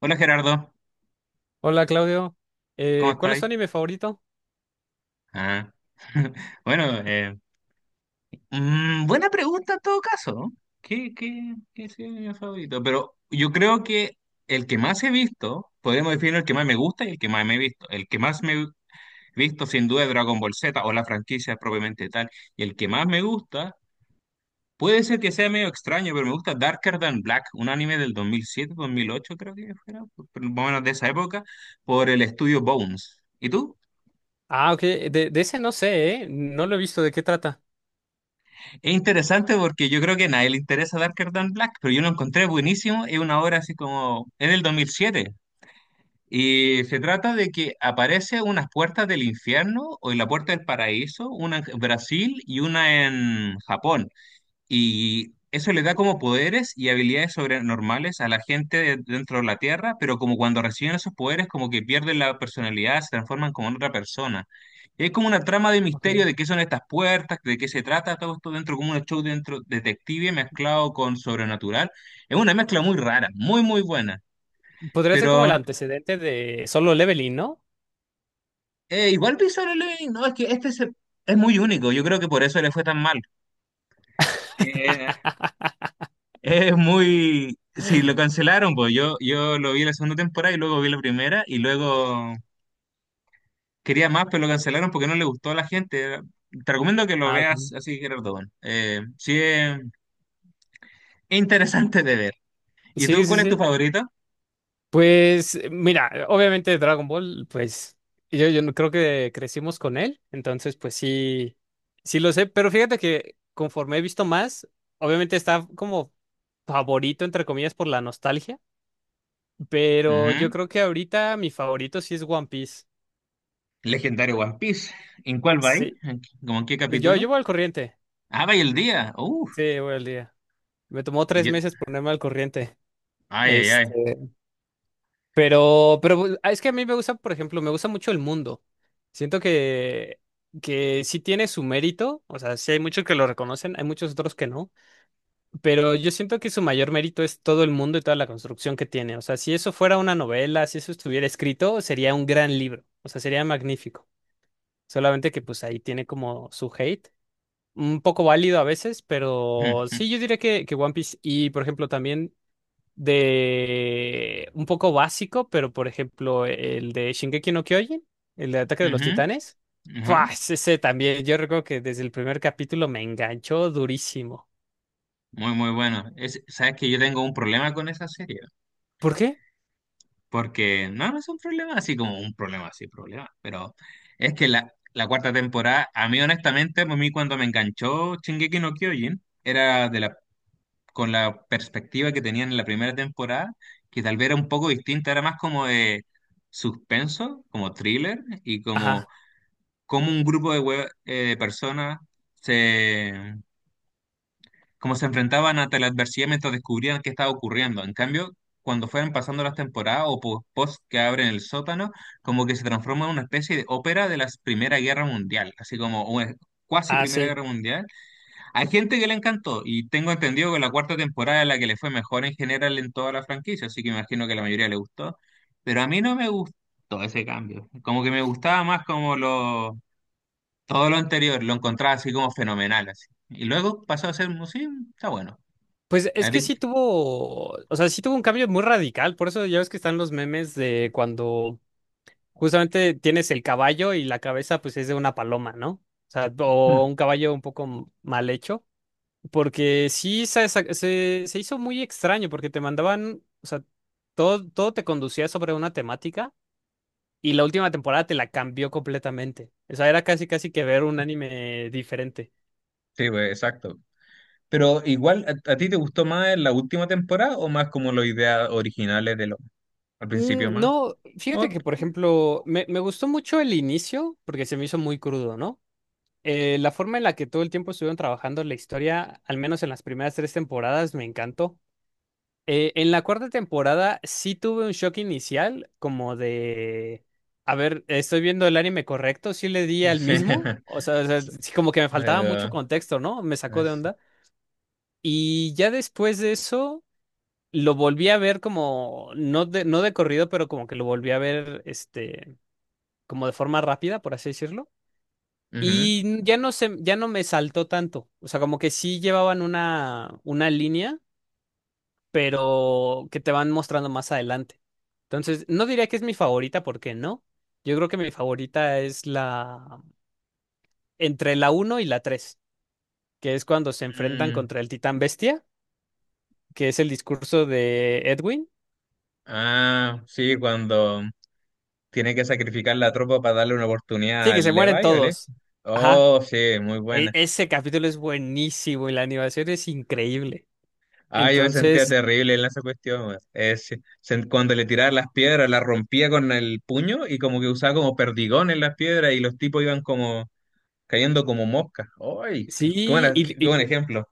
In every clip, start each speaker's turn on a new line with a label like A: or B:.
A: Hola, Gerardo,
B: Hola Claudio.
A: ¿cómo
B: ¿Cuál es
A: estáis?
B: tu anime favorito?
A: Ah, bueno, buena pregunta en todo caso. ¿Qué sería mi favorito? Pero yo creo que el que más he visto, podríamos definir el que más me gusta y el que más me he visto. El que más me he visto sin duda es Dragon Ball Z o la franquicia propiamente tal. Y el que más me gusta, puede ser que sea medio extraño, pero me gusta Darker Than Black, un anime del dos mil siete, dos mil ocho creo que fuera, más o menos de esa época, por el estudio Bones. ¿Y tú?
B: Ah, ok, de ese no sé, ¿eh? No lo he visto, ¿de qué trata?
A: Es interesante porque yo creo que a nadie le interesa Darker Than Black, pero yo lo encontré buenísimo. Es una obra así como. Es del 2007. Y se trata de que aparece unas puertas del infierno o en la puerta del paraíso, una en Brasil y una en Japón. Y eso le da como poderes y habilidades sobrenormales a la gente dentro de la Tierra, pero como cuando reciben esos poderes, como que pierden la personalidad, se transforman como en otra persona. Y es como una trama de misterio
B: Okay.
A: de qué son estas puertas, de qué se trata, todo esto dentro, como un show dentro detective mezclado con sobrenatural. Es una mezcla muy rara, muy, muy buena.
B: Podría ser como el
A: Pero
B: antecedente de Solo Leveling, ¿no?
A: igual Visual Living, no, es que es muy único, yo creo que por eso le fue tan mal. Es muy... Sí, lo cancelaron, pues yo lo vi la segunda temporada y luego vi la primera y luego quería más, pero lo cancelaron porque no le gustó a la gente. Te recomiendo que lo
B: Ah, ok.
A: veas así, Gerardo. Bueno. Sí, es interesante de ver. ¿Y
B: Sí,
A: tú
B: sí,
A: cuál es tu
B: sí.
A: favorito?
B: Pues mira, obviamente Dragon Ball, pues yo no- creo que crecimos con él, entonces pues sí, sí lo sé, pero fíjate que conforme he visto más, obviamente está como favorito, entre comillas, por la nostalgia, pero
A: Ujú.
B: yo creo que ahorita mi favorito sí es One Piece.
A: Legendario One Piece. ¿En cuál va ahí?
B: Sí.
A: ¿Cómo en qué
B: Yo
A: capítulo?
B: voy al corriente.
A: Ah, va y el día. Uf.
B: Sí, voy al día. Me tomó
A: Y
B: tres
A: yo-
B: meses ponerme al corriente.
A: Ay, ay, ay.
B: Este, pero es que a mí me gusta, por ejemplo, me gusta mucho el mundo. Siento que sí tiene su mérito. O sea, sí hay muchos que lo reconocen, hay muchos otros que no. Pero yo siento que su mayor mérito es todo el mundo y toda la construcción que tiene. O sea, si eso fuera una novela, si eso estuviera escrito, sería un gran libro. O sea, sería magnífico. Solamente que pues ahí tiene como su hate, un poco válido a veces, pero
A: Ujú,
B: sí, yo diría que One Piece y, por ejemplo, también de un poco básico, pero, por ejemplo, el de Shingeki no Kyojin, el de Ataque de los
A: ujú,
B: Titanes, ¡fua! Ese también, yo recuerdo que desde el primer capítulo me enganchó durísimo.
A: muy, muy bueno. Es, sabes que yo tengo un problema con esa serie.
B: ¿Por qué?
A: Porque no, no es un problema así como un problema así, problema. Pero es que la cuarta temporada, a mí honestamente, a mí cuando me enganchó Shingeki no Kyojin, era de la, con la perspectiva que tenían en la primera temporada, que tal vez era un poco distinta, era más como de suspenso, como thriller, y como,
B: Ajá,
A: como un grupo de personas como se enfrentaban ante la adversidad mientras descubrían qué estaba ocurriendo. En cambio, cuando fueron pasando las temporadas o post que abren el sótano, como que se transforma en una especie de ópera de la Primera Guerra Mundial, así como una cuasi
B: ah,
A: Primera
B: sí.
A: Guerra Mundial. Hay gente que le encantó y tengo entendido que la cuarta temporada es la que le fue mejor en general en toda la franquicia, así que imagino que a la mayoría le gustó, pero a mí no me gustó ese cambio, como que me gustaba más como lo... Todo lo anterior lo encontraba así como fenomenal, así. Y luego pasó a ser, sí, está bueno.
B: Pues
A: A
B: es que
A: ti-
B: sí tuvo, o sea, sí tuvo un cambio muy radical, por eso ya ves que están los memes de cuando justamente tienes el caballo y la cabeza pues es de una paloma, ¿no? O sea, o un caballo un poco mal hecho, porque se hizo muy extraño porque te mandaban, o sea, todo te conducía sobre una temática y la última temporada te la cambió completamente. O sea, era casi casi que ver un anime diferente.
A: Sí, pues, exacto. Pero igual, ¿ a ti te gustó más la última temporada o más como las ideas originales de lo al principio
B: Mm,
A: más?
B: no, fíjate que
A: Ot-
B: por ejemplo, me gustó mucho el inicio porque se me hizo muy crudo, ¿no? La forma en la que todo el tiempo estuvieron trabajando la historia, al menos en las primeras tres temporadas, me encantó. En la cuarta temporada sí tuve un shock inicial, como de, a ver, estoy viendo el anime correcto, sí le di
A: no
B: al
A: sé.
B: mismo, o sea,
A: S-
B: sí como que me faltaba mucho
A: eh,
B: contexto, ¿no? Me sacó de
A: es-
B: onda. Y ya después de eso, lo volví a ver como, no de corrido, pero como que lo volví a ver, este, como de forma rápida, por así decirlo.
A: ujú.
B: Y ya no me saltó tanto. O sea, como que sí llevaban una línea, pero que te van mostrando más adelante. Entonces, no diría que es mi favorita, porque no. Yo creo que mi favorita es la entre la uno y la tres, que es cuando se enfrentan
A: Mm,
B: contra el titán bestia, que es el discurso de Edwin.
A: ah, sí, cuando tiene que sacrificar la tropa para darle una oportunidad
B: Sí, que se
A: al
B: mueren
A: Levi, ¿vale?
B: todos. Ajá.
A: Oh, sí, muy buena.
B: Ese capítulo es buenísimo y la animación es increíble.
A: Ah, yo me sentía
B: Entonces,
A: terrible en esa cuestión, weón. Es, cuando le tiraba las piedras, las rompía con el puño y como que usaba como perdigón en las piedras y los tipos iban como cayendo como moscas. ¡Ay! ¡Qué, qué
B: sí,
A: buena- qué- qué buen
B: y,
A: ejemplo!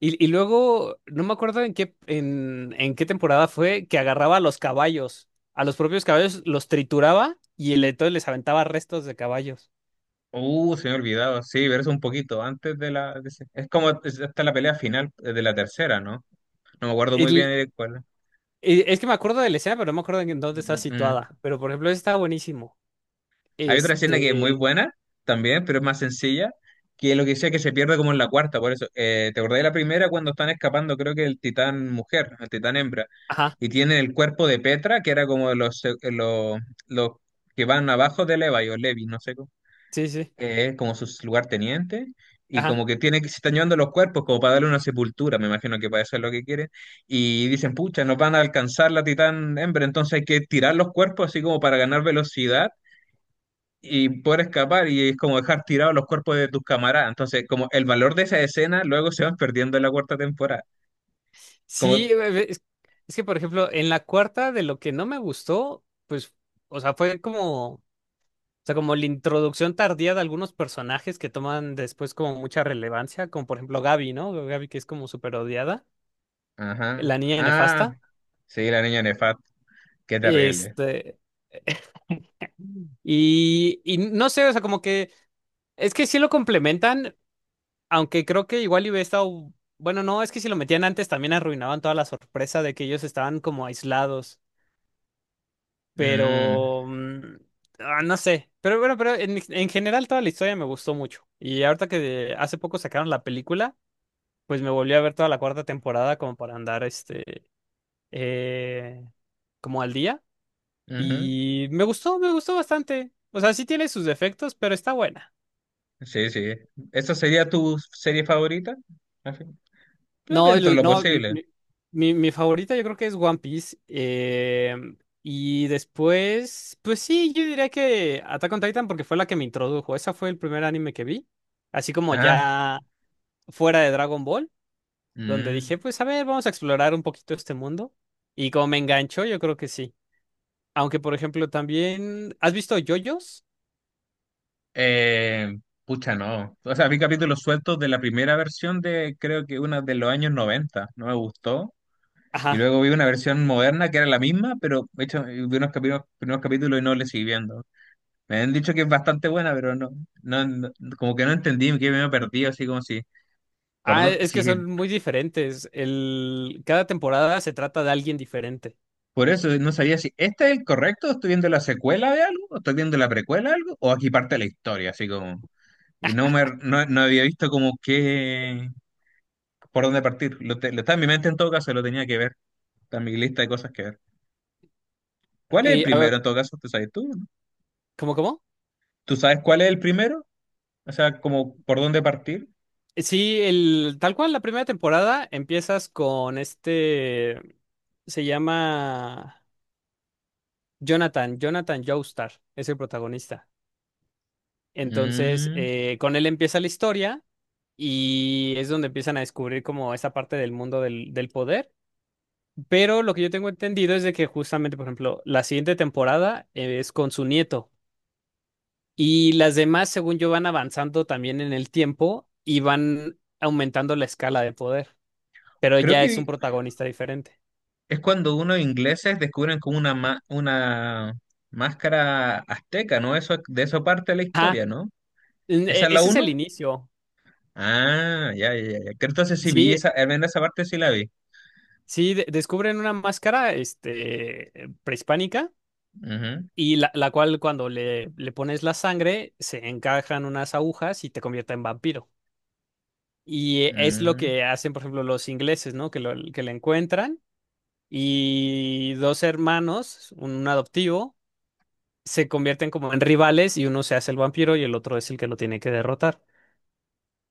B: Y, y luego, no me acuerdo en qué, en qué temporada fue que agarraba a los caballos, a los propios caballos, los trituraba y entonces les aventaba restos de caballos.
A: Se me ha olvidado. Sí, pero es un poquito antes de la... es como hasta la pelea final de la tercera, ¿no? No me acuerdo muy bien
B: El-
A: de cuál.
B: es que me acuerdo de la escena, pero no me acuerdo en dónde está
A: Mm, mm.
B: situada. Pero por ejemplo, ese está buenísimo.
A: Hay otra escena que es muy
B: Este.
A: buena también, pero es más sencilla, que es lo que sea que se pierde como en la cuarta, por eso. ¿Te acordás de la primera cuando están escapando, creo que el titán mujer, el titán hembra,
B: Ajá,
A: y tiene el cuerpo de Petra, que era como los que van abajo de Levi o Levi, no sé cómo,
B: sí, sí.
A: como sus lugartenientes, y
B: Ajá.
A: como que tiene que se están llevando los cuerpos como para darle una sepultura, me imagino que para eso es lo que quieren, y dicen, pucha, nos van a alcanzar la titán hembra, entonces hay que tirar los cuerpos así como para ganar velocidad y poder escapar y es como dejar tirados los cuerpos de tus camaradas. Entonces, como el valor de esa escena luego se van perdiendo en la cuarta temporada. Como,
B: Sí, es que por ejemplo, en la cuarta de lo que no me gustó, pues, o sea, fue como. O sea, como la introducción tardía de algunos personajes que toman después como mucha relevancia, como por ejemplo Gaby, ¿no? Gaby que es como súper odiada,
A: ajá,
B: la niña
A: ah,
B: nefasta.
A: sí, la niña Nefat, qué terrible.
B: Este, y no sé, o sea, como que es que sí lo complementan, aunque creo que igual y hubiera estado, bueno, no, es que si lo metían antes también arruinaban toda la sorpresa de que ellos estaban como aislados,
A: Mm,
B: pero mm, ah, no sé, pero bueno, pero en general toda la historia me gustó mucho. Y ahorita que hace poco sacaron la película, pues me volví a ver toda la cuarta temporada como para andar este eh, como al día,
A: ujú,
B: y me gustó bastante. O sea, sí tiene sus defectos, pero está buena.
A: sí, sí. ¿Esa sería tu serie favorita? Al fin, yo
B: No,
A: dentro de lo posible.
B: mi favorita yo creo que es One Piece. Y después, pues sí, yo diría que Attack on Titan porque fue la que me introdujo. Esa fue el primer anime que vi. Así como
A: Ah,
B: ya fuera de Dragon Ball, donde
A: mm,
B: dije, pues a ver, vamos a explorar un poquito este mundo. Y como me enganchó, yo creo que sí. Aunque, por ejemplo, también. ¿Has visto yoyos?
A: eh, pucha, no. O sea, vi capítulos sueltos de la primera versión de creo que una de los años 90. No me gustó. Y
B: Ajá.
A: luego vi una versión moderna que era la misma, pero de hecho vi unos capítulos, primeros capítulos y no le seguí viendo. Me han dicho que es bastante buena, pero no, no- como que no entendí, que me he perdido, así como si, por
B: Ah,
A: dónde-
B: es que
A: si,
B: son muy diferentes. El... cada temporada se trata de alguien diferente.
A: por eso no sabía si este es el correcto, o estoy viendo la secuela de algo, o estoy viendo la precuela de algo, o aquí parte la historia, así como, y no me, no, no había visto como qué, por dónde partir. Lo está en mi mente en todo caso, lo tenía que ver, está en mi lista de cosas que ver. ¿Cuál es el
B: Y, a ver,
A: primero en todo caso? ¿Tú sabes tú?
B: ¿cómo, cómo?
A: ¿Tú sabes cuál es el primero? O sea, como por dónde partir.
B: Sí, el... tal cual, la primera temporada empiezas con este. Se llama Jonathan, Jonathan Joestar, es el protagonista. Entonces,
A: Mm,
B: con él empieza la historia y es donde empiezan a descubrir como esa parte del mundo del poder. Pero lo que yo tengo entendido es de que justamente, por ejemplo, la siguiente temporada es con su nieto y las demás, según yo, van avanzando también en el tiempo y van aumentando la escala de poder, pero
A: creo
B: ya es un
A: que
B: protagonista diferente.
A: es cuando unos ingleses descubren como una, una máscara azteca, ¿no? Eso, de eso parte la
B: Ah,
A: historia, ¿no? ¿Esa es la
B: ese es el
A: uno?
B: inicio.
A: Ah, ya, ya, ya, ya. Que entonces sí vi
B: Sí,
A: esa, al menos esa parte sí la vi.
B: sí, descubren una máscara, este, prehispánica y la cual cuando le pones la sangre se encajan unas agujas y te convierte en vampiro. Y
A: Ujú,
B: es lo
A: mm.
B: que hacen, por ejemplo, los ingleses, ¿no? Que, que la encuentran y dos hermanos, un adoptivo, se convierten como en rivales y uno se hace el vampiro y el otro es el que lo tiene que derrotar.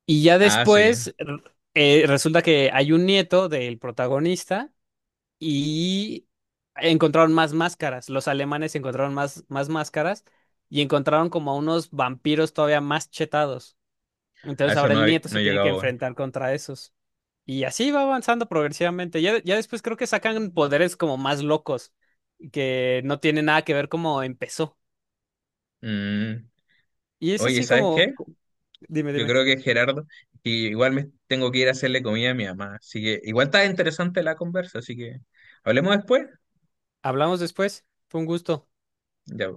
B: Y ya
A: Ah, sí.
B: después resulta que hay un nieto del protagonista y encontraron más máscaras. Los alemanes encontraron más máscaras y encontraron como unos vampiros todavía más chetados.
A: A
B: Entonces
A: eso
B: ahora el
A: no,
B: nieto
A: no
B: se
A: he
B: tiene que
A: llegado aún.
B: enfrentar contra esos. Y así va avanzando progresivamente. Ya después creo que sacan poderes como más locos, que no tienen nada que ver cómo empezó.
A: Mm.
B: Y es
A: Oye,
B: así
A: ¿sabes
B: como...
A: qué?
B: Dime,
A: Yo
B: dime.
A: creo que Gerardo, y igual me tengo que ir a hacerle comida a mi mamá. Así que igual está interesante la conversa, así que hablemos después.
B: Hablamos después. Fue un gusto.
A: Ya.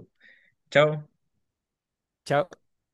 A: Chao.
B: Chao.